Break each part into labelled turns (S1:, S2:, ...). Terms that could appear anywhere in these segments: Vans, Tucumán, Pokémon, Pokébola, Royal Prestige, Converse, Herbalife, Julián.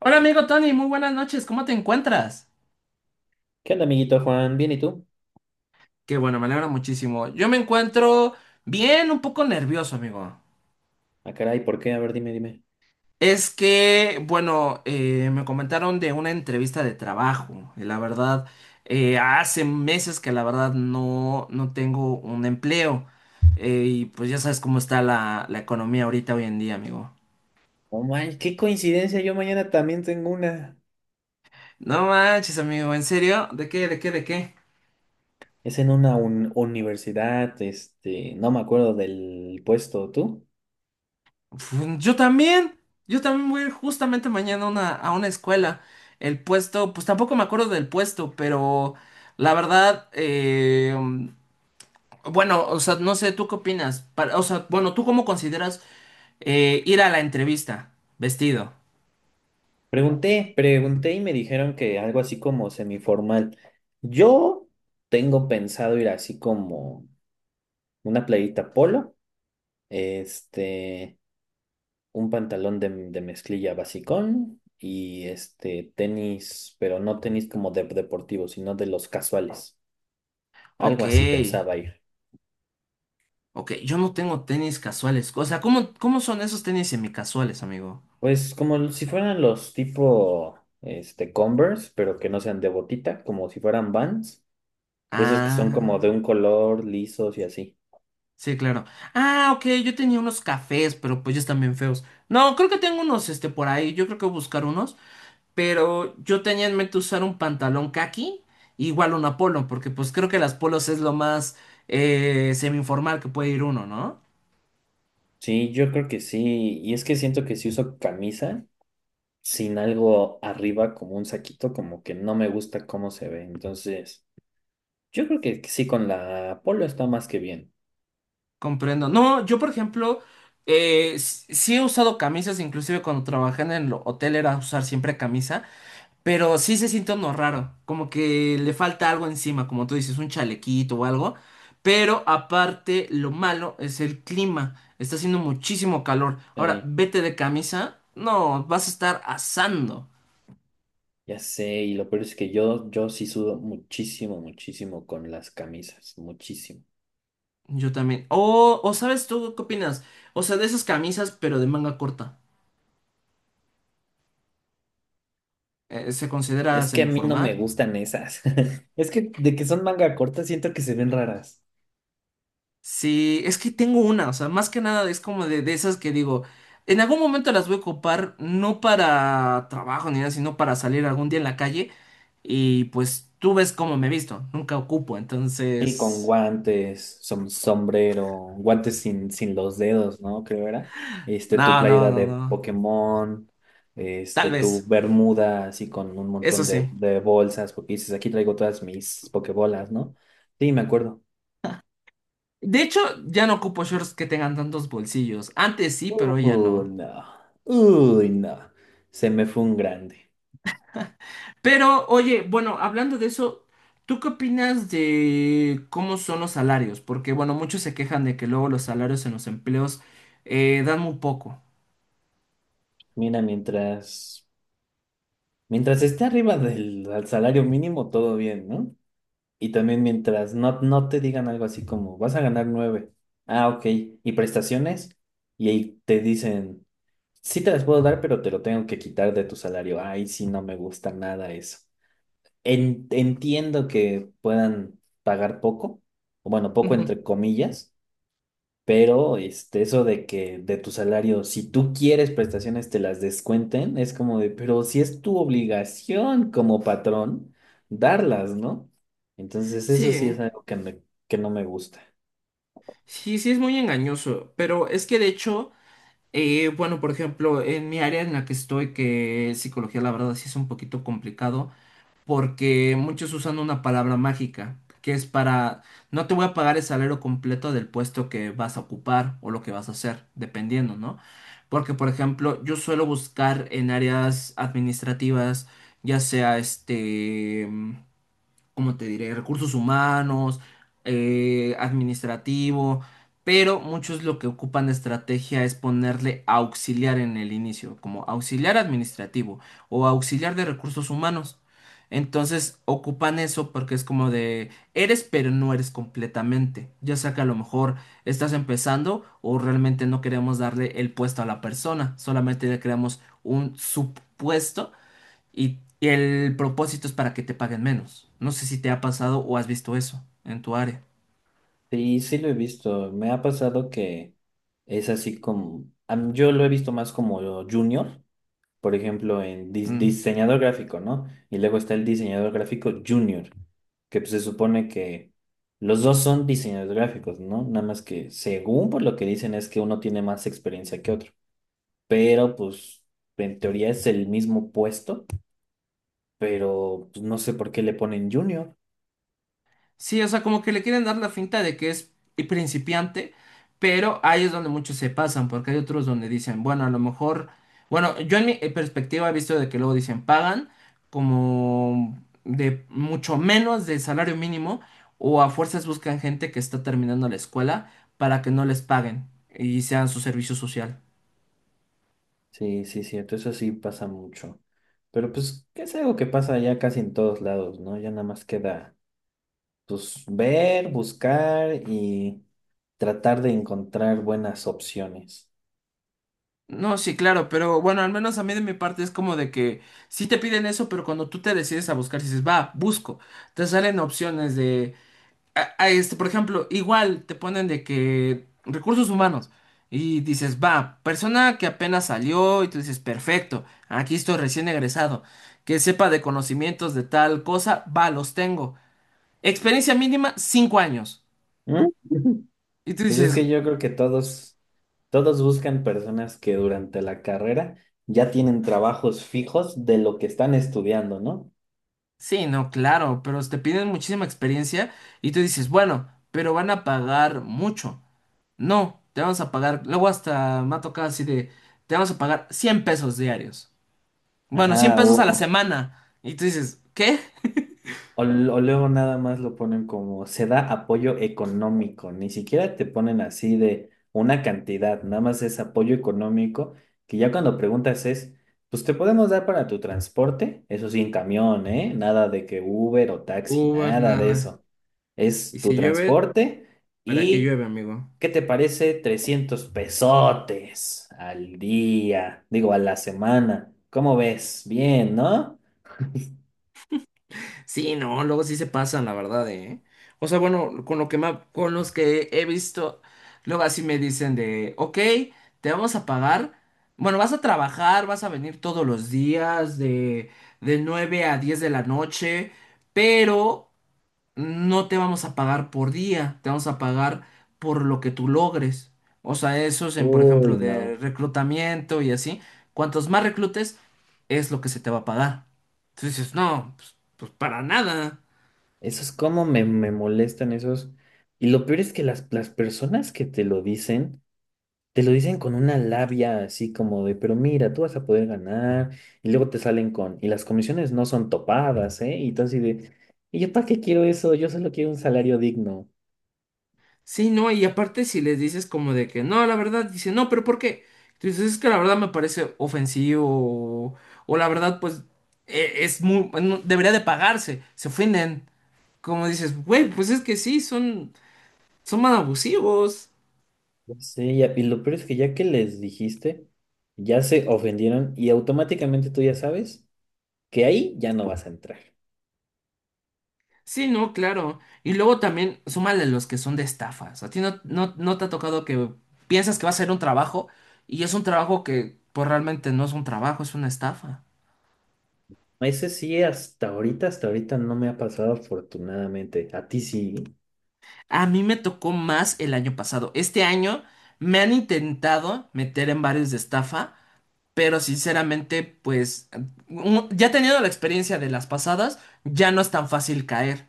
S1: Hola amigo Tony, muy buenas noches, ¿cómo te encuentras?
S2: ¿Qué onda, amiguito Juan? ¿Bien y tú?
S1: Qué bueno, me alegra muchísimo. Yo me encuentro bien, un poco nervioso, amigo.
S2: Ah, caray, ¿por qué? A ver, dime.
S1: Es que, bueno, me comentaron de una entrevista de trabajo y la verdad, hace meses que la verdad no tengo un empleo. Y pues ya sabes cómo está la economía ahorita hoy en día, amigo.
S2: Oh, man, qué coincidencia, yo mañana también tengo una.
S1: No manches, amigo, ¿en serio? ¿De qué, de qué, de qué?
S2: Es en una universidad, no me acuerdo del puesto, ¿tú?
S1: Yo también, voy a ir justamente mañana a una escuela. El puesto, pues tampoco me acuerdo del puesto, pero la verdad, bueno, o sea, no sé, ¿tú qué opinas? O sea, bueno, ¿tú cómo consideras ir a la entrevista vestido?
S2: Pregunté y me dijeron que algo así como semiformal. Yo tengo pensado ir así como una playita polo, este, un pantalón de mezclilla basicón y este tenis, pero no tenis como de deportivos, sino de los casuales.
S1: Ok,
S2: Algo así pensaba ir.
S1: ok, yo no tengo tenis casuales. O sea, ¿cómo son esos tenis semicasuales, amigo?
S2: Pues como si fueran los tipo este Converse, pero que no sean de botita, como si fueran Vans, de esos que son como de
S1: Ah.
S2: un color, lisos y así.
S1: Sí, claro. Ah, ok, yo tenía unos cafés, pero pues ya están bien feos. No, creo que tengo unos, este, por ahí. Yo creo que voy a buscar unos. Pero yo tenía en mente usar un pantalón kaki, igual un polo, porque pues creo que las polos es lo más semi-informal que puede ir uno, ¿no?
S2: Sí, yo creo que sí. Y es que siento que si uso camisa sin algo arriba, como un saquito, como que no me gusta cómo se ve. Entonces, yo creo que sí con la polo está más que bien.
S1: Comprendo. No, yo por ejemplo, sí he usado camisas, inclusive cuando trabajé en el hotel era usar siempre camisa. Pero sí se siente uno raro, como que le falta algo encima, como tú dices, un chalequito o algo. Pero aparte, lo malo es el clima. Está haciendo muchísimo calor. Ahora,
S2: Sí,
S1: vete de camisa. No, vas a estar asando.
S2: ya sé. Y lo peor es que yo sí sudo muchísimo, muchísimo con las camisas. Muchísimo.
S1: Yo también. O ¿sabes tú qué opinas? O sea, de esas camisas, pero de manga corta. ¿Se considera
S2: Es que a mí no me
S1: semiformal?
S2: gustan esas. Es que de que son manga corta siento que se ven raras.
S1: Sí, es que tengo una, o sea, más que nada es como de esas que digo, en algún momento las voy a ocupar, no para trabajo ni nada, sino para salir algún día en la calle y pues tú ves cómo me visto, nunca ocupo,
S2: Sí, con
S1: entonces...
S2: guantes, sombrero, guantes sin los dedos, ¿no? Creo era. Este, tu
S1: No, no,
S2: playera
S1: no,
S2: de
S1: no,
S2: Pokémon,
S1: tal
S2: este, tu
S1: vez,
S2: bermuda así con un
S1: eso
S2: montón de,
S1: sí.
S2: de bolsas, porque dices, aquí traigo todas mis Pokébolas, ¿no? Sí, me acuerdo.
S1: De hecho, ya no ocupo shorts que tengan tantos bolsillos, antes sí, pero hoy ya
S2: Uy,
S1: no.
S2: no. Uy, no. Se me fue un grande.
S1: Pero, oye, bueno, hablando de eso, ¿tú qué opinas de cómo son los salarios? Porque, bueno, muchos se quejan de que luego los salarios en los empleos dan muy poco.
S2: Mira, mientras. Mientras esté arriba del al salario mínimo, todo bien, ¿no? Y también mientras no te digan algo así como, vas a ganar 9. Ah, ok. ¿Y prestaciones? Y ahí te dicen, sí te las puedo dar, pero te lo tengo que quitar de tu salario. Ay, sí, no me gusta nada eso. Entiendo que puedan pagar poco, o bueno, poco
S1: Ujú.
S2: entre comillas, pero este, eso de que de tu salario, si tú quieres prestaciones, te las descuenten, es como de, pero si es tu obligación como patrón, darlas, ¿no? Entonces,
S1: Sí,
S2: eso sí
S1: eh.
S2: es algo que que no me gusta.
S1: Sí, sí, es muy engañoso, pero es que de hecho, bueno, por ejemplo, en mi área en la que estoy, que es psicología, la verdad sí es un poquito complicado. Porque muchos usan una palabra mágica, que es para, no te voy a pagar el salario completo del puesto que vas a ocupar o lo que vas a hacer, dependiendo, ¿no? Porque, por ejemplo, yo suelo buscar en áreas administrativas, ya sea este como te diré? Recursos humanos, administrativo, pero muchos lo que ocupan de estrategia es ponerle auxiliar en el inicio, como auxiliar administrativo o auxiliar de recursos humanos. Entonces ocupan eso porque es como de eres pero no eres completamente. Ya sea que a lo mejor estás empezando o realmente no queremos darle el puesto a la persona, solamente le creamos un supuesto y, el propósito es para que te paguen menos. No sé si te ha pasado o has visto eso en tu área.
S2: Sí, sí lo he visto. Me ha pasado que es así como, a yo lo he visto más como junior, por ejemplo, en
S1: Mm.
S2: diseñador gráfico, ¿no? Y luego está el diseñador gráfico junior, que pues, se supone que los dos son diseñadores gráficos, ¿no? Nada más que según por lo que dicen es que uno tiene más experiencia que otro, pero pues en teoría es el mismo puesto, pero pues, no sé por qué le ponen junior.
S1: Sí, o sea, como que le quieren dar la finta de que es principiante, pero ahí es donde muchos se pasan, porque hay otros donde dicen, bueno, a lo mejor, bueno, yo en mi perspectiva he visto de que luego dicen, pagan como de mucho menos del salario mínimo, o a fuerzas buscan gente que está terminando la escuela para que no les paguen y sean su servicio social.
S2: Sí, sí, cierto, eso sí pasa mucho. Pero pues que es algo que pasa ya casi en todos lados, ¿no? Ya nada más queda pues ver, buscar y tratar de encontrar buenas opciones.
S1: No, sí, claro, pero bueno, al menos a mí de mi parte es como de que sí te piden eso, pero cuando tú te decides a buscar, dices, va, busco, te salen opciones de, a este, por ejemplo, igual te ponen de que recursos humanos y dices, va, persona que apenas salió y tú dices, perfecto, aquí estoy recién egresado, que sepa de conocimientos de tal cosa, va, los tengo. Experiencia mínima, 5 años.
S2: ¿Mm?
S1: Y tú
S2: Pues es
S1: dices,
S2: que yo creo que todos buscan personas que durante la carrera ya tienen trabajos fijos de lo que están estudiando, ¿no?
S1: sí, no, claro, pero te piden muchísima experiencia y tú dices, bueno, pero van a pagar mucho. No, te vamos a pagar, luego hasta me ha tocado así de, te vamos a pagar 100 pesos diarios. Bueno, 100
S2: Ajá,
S1: pesos a la
S2: o
S1: semana. Y tú dices, ¿qué?
S2: O, l- o luego nada más lo ponen como se da apoyo económico, ni siquiera te ponen así de una cantidad, nada más es apoyo económico, que ya cuando preguntas es, pues te podemos dar para tu transporte, eso sí, en camión, ¿eh? Nada de que Uber o taxi,
S1: Uber,
S2: nada de
S1: nada.
S2: eso.
S1: Y
S2: Es tu
S1: si llueve,
S2: transporte
S1: ¿para qué
S2: y,
S1: llueve, amigo?
S2: ¿qué te parece? 300 pesotes al día, digo, a la semana. ¿Cómo ves? Bien, ¿no?
S1: Sí, no, luego sí se pasan, la verdad, ¿eh? O sea, bueno, con lo que me, con los que he visto, luego así me dicen de, ok, te vamos a pagar, bueno, vas a trabajar, vas a venir todos los días de 9 a 10 de la noche, pero no te vamos a pagar por día, te vamos a pagar por lo que tú logres. O sea, eso es en, por
S2: Uy,
S1: ejemplo, de
S2: no.
S1: reclutamiento y así. Cuantos más reclutes, es lo que se te va a pagar. Entonces dices, no, pues para nada.
S2: Esos cómo me molestan esos. Y lo peor es que las personas que te lo dicen con una labia así como de, pero mira, tú vas a poder ganar. Y luego te salen con, y las comisiones no son topadas, ¿eh? Y entonces de, ¿y yo para qué quiero eso? Yo solo quiero un salario digno.
S1: Sí, no, y aparte si les dices como de que no, la verdad, dice, no, pero ¿por qué? Entonces es que la verdad me parece ofensivo o, o la verdad, pues es muy, debería de pagarse, se ofenden. Como dices, güey, pues es que sí, son más abusivos.
S2: Sí, y lo peor es que ya que les dijiste, ya se ofendieron y automáticamente tú ya sabes que ahí ya no vas a entrar.
S1: Sí, no, claro. Y luego también súmale los que son de estafas. A ti no, no te ha tocado que piensas que va a ser un trabajo y es un trabajo que pues realmente no es un trabajo, es una estafa.
S2: Ese sí, hasta ahorita no me ha pasado afortunadamente. A ti sí.
S1: A mí me tocó más el año pasado. Este año me han intentado meter en varios de estafa, pero sinceramente pues ya teniendo la experiencia de las pasadas, ya no es tan fácil caer.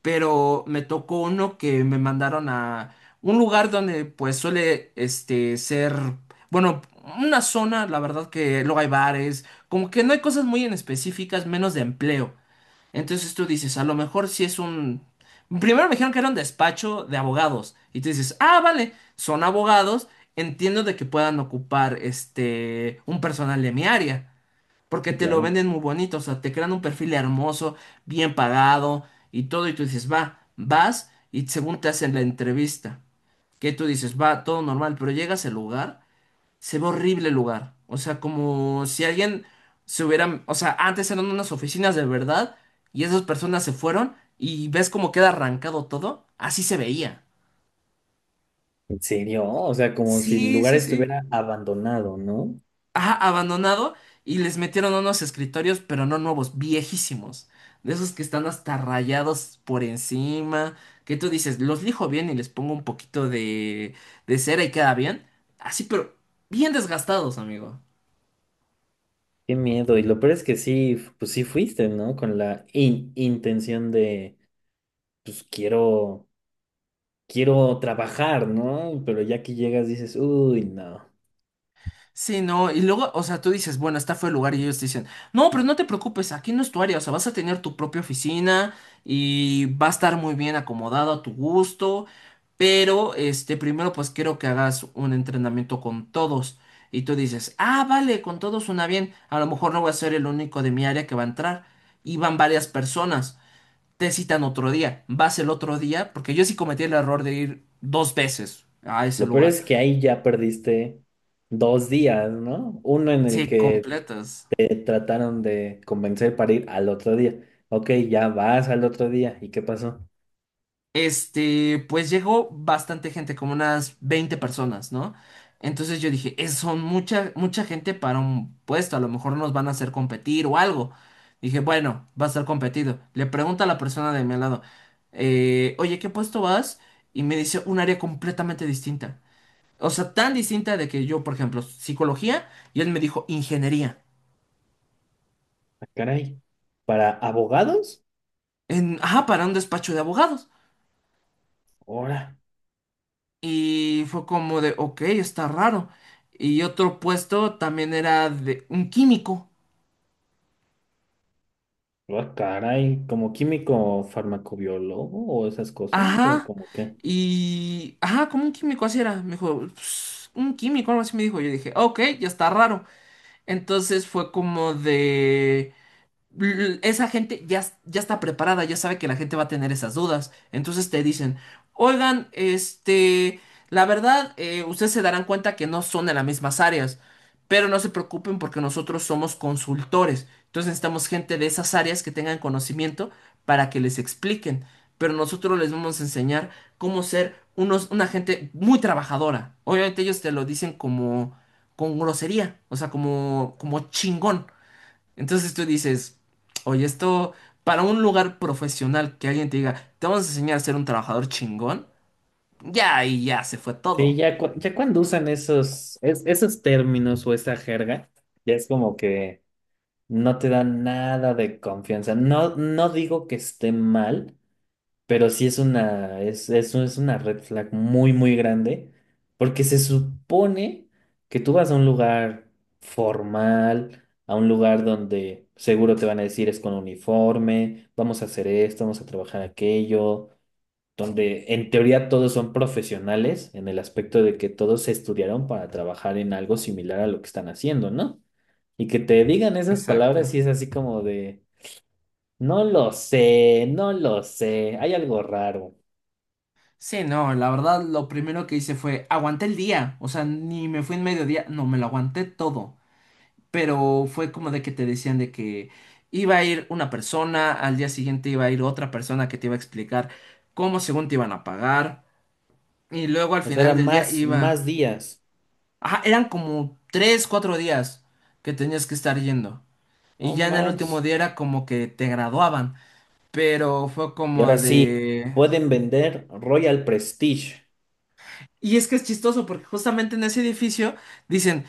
S1: Pero me tocó uno que me mandaron a un lugar donde pues suele este ser, bueno, una zona, la verdad que luego hay bares, como que no hay cosas muy en específicas, menos de empleo. Entonces tú dices, a lo mejor si es un... Primero me dijeron que era un despacho de abogados y tú dices, ah, vale, son abogados, entiendo de que puedan ocupar este un personal de mi área. Porque
S2: Sí,
S1: te lo
S2: claro.
S1: venden muy bonito, o sea, te crean un perfil hermoso, bien pagado y todo, y tú dices, va, vas, y según te hacen la entrevista, que tú dices, va, todo normal, pero llegas al lugar, se ve horrible el lugar, o sea, como si alguien se hubiera, o sea, antes eran unas oficinas de verdad, y esas personas se fueron, y ves cómo queda arrancado todo, así se veía.
S2: ¿En serio? O sea, como si el
S1: Sí,
S2: lugar
S1: sí, sí.
S2: estuviera abandonado, ¿no?
S1: Ajá, abandonado y les metieron unos escritorios, pero no nuevos, viejísimos. De esos que están hasta rayados por encima, que tú dices, los lijo bien y les pongo un poquito de cera y queda bien. Así, pero bien desgastados, amigo.
S2: Qué miedo. Y lo peor es que sí, pues sí fuiste, ¿no? Con la intención de, pues quiero, quiero trabajar, ¿no? Pero ya que llegas dices, uy, no.
S1: Sí, no, y luego, o sea, tú dices, bueno, este fue el lugar y ellos te dicen, no, pero no te preocupes, aquí no es tu área, o sea, vas a tener tu propia oficina y va a estar muy bien acomodado a tu gusto, pero, este, primero pues quiero que hagas un entrenamiento con todos. Y tú dices, ah, vale, con todos suena bien, a lo mejor no voy a ser el único de mi área que va a entrar. Y van varias personas, te citan otro día, vas el otro día, porque yo sí cometí el error de ir dos veces a ese
S2: Lo peor
S1: lugar.
S2: es que ahí ya perdiste dos días, ¿no? Uno en el
S1: Sí,
S2: que
S1: completas.
S2: te trataron de convencer para ir al otro día. Ok, ya vas al otro día. ¿Y qué pasó?
S1: Este, pues llegó bastante gente, como unas 20 personas, ¿no? Entonces yo dije, es, son mucha, mucha gente para un puesto, a lo mejor nos van a hacer competir o algo. Dije, bueno, va a ser competido. Le pregunto a la persona de mi lado, oye, ¿qué puesto vas? Y me dice un área completamente distinta. O sea, tan distinta de que yo, por ejemplo, psicología, y él me dijo ingeniería.
S2: Ah, caray. ¿Para abogados?
S1: En, ajá, para un despacho de abogados.
S2: Ahora.
S1: Y fue como de, ok, está raro. Y otro puesto también era de un químico.
S2: Ah, caray, ¿como químico farmacobiólogo o esas cosas? ¿O
S1: Ajá.
S2: como qué?
S1: Y, ajá, como un químico, así era. Me dijo, "Pues, un químico, algo así me dijo". Yo dije, ok, ya está raro. Entonces fue como de... Esa gente ya, ya está preparada, ya sabe que la gente va a tener esas dudas. Entonces te dicen, oigan, este, la verdad, ustedes se darán cuenta que no son de las mismas áreas, pero no se preocupen porque nosotros somos consultores. Entonces necesitamos gente de esas áreas que tengan conocimiento para que les expliquen. Pero nosotros les vamos a enseñar cómo ser unos, una gente muy trabajadora. Obviamente ellos te lo dicen como con grosería, o sea, como chingón. Entonces tú dices, oye, esto para un lugar profesional que alguien te diga, te vamos a enseñar a ser un trabajador chingón, ya y ya se fue
S2: Sí,
S1: todo.
S2: ya, ya cuando usan esos, esos términos o esa jerga, ya es como que no te dan nada de confianza. No, no digo que esté mal, pero sí es una, es una red flag muy, muy grande, porque se supone que tú vas a un lugar formal, a un lugar donde seguro te van a decir es con uniforme, vamos a hacer esto, vamos a trabajar aquello, donde en teoría todos son profesionales en el aspecto de que todos se estudiaron para trabajar en algo similar a lo que están haciendo, ¿no? Y que te digan esas
S1: Exacto.
S2: palabras y es así como de, no lo sé, hay algo raro.
S1: Sí, no, la verdad lo primero que hice fue aguanté el día, o sea, ni me fui en mediodía, no, me lo aguanté todo, pero fue como de que te decían de que iba a ir una persona, al día siguiente iba a ir otra persona que te iba a explicar cómo según te iban a pagar, y luego al
S2: O sea,
S1: final
S2: eran
S1: del día
S2: más
S1: iba...
S2: días.
S1: Ajá, eran como 3, 4 días que tenías que estar yendo.
S2: No
S1: Y ya en el último
S2: manches.
S1: día era como que te graduaban. Pero fue
S2: Y
S1: como
S2: ahora sí,
S1: de...
S2: pueden vender Royal Prestige.
S1: Y es que es chistoso porque justamente en ese edificio dicen,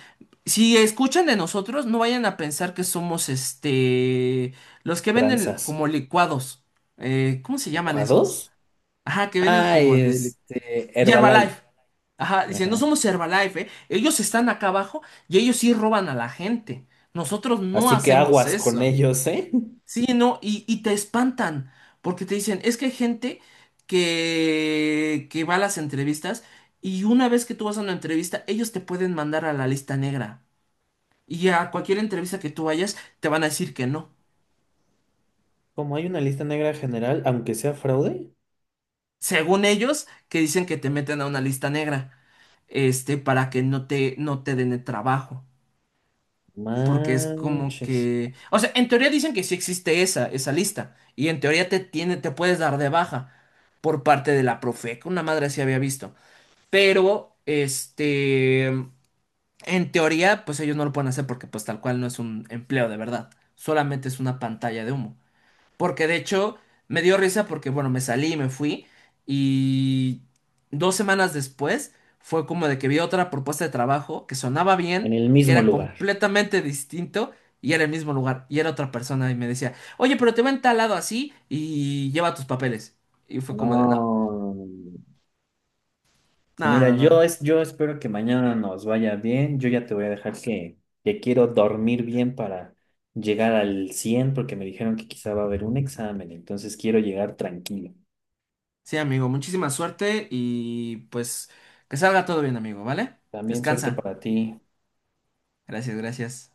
S1: si escuchan de nosotros, no vayan a pensar que somos este... los que venden
S2: Tranzas.
S1: como licuados. ¿Cómo se llaman esos?
S2: ¿Licuados?
S1: Ajá, que venden
S2: Ah,
S1: como de...
S2: este,
S1: Y
S2: Herbalife.
S1: Herbalife. Ajá, dicen, no
S2: Ajá.
S1: somos Herbalife, ¿eh? Ellos están acá abajo y ellos sí roban a la gente. Nosotros no
S2: Así que
S1: hacemos
S2: aguas con
S1: eso.
S2: ellos, ¿eh?
S1: Sí, no, y te espantan porque te dicen, es que hay gente que va a las entrevistas y una vez que tú vas a una entrevista, ellos te pueden mandar a la lista negra. Y a cualquier entrevista que tú vayas, te van a decir que no.
S2: Como hay una lista negra general, aunque sea fraude.
S1: Según ellos, que dicen que te meten a una lista negra, este, para que no te den el trabajo. Porque es como
S2: Manches.
S1: que, o sea, en teoría dicen que sí existe esa lista, y en teoría te tiene, te puedes dar de baja por parte de la Profeca, una madre sí había visto, pero, este, en teoría, pues ellos no lo pueden hacer porque pues tal cual no es un empleo de verdad, solamente es una pantalla de humo. Porque de hecho me dio risa porque, bueno, me salí, me fui y 2 semanas después fue como de que vi otra propuesta de trabajo que sonaba
S2: En
S1: bien,
S2: el
S1: que
S2: mismo
S1: era
S2: lugar.
S1: completamente distinto y era el mismo lugar y era otra persona y me decía, oye, pero te ven tal lado así y lleva tus papeles. Y fue como de, no,
S2: No.
S1: no,
S2: Mira,
S1: no, no.
S2: yo espero que mañana nos vaya bien. Yo ya te voy a dejar que quiero dormir bien para llegar al 100, porque me dijeron que quizá va a haber un examen, entonces quiero llegar tranquilo.
S1: Sí, amigo, muchísima suerte y pues que salga todo bien, amigo, ¿vale?
S2: También suerte
S1: Descansa.
S2: para ti.
S1: Gracias, gracias.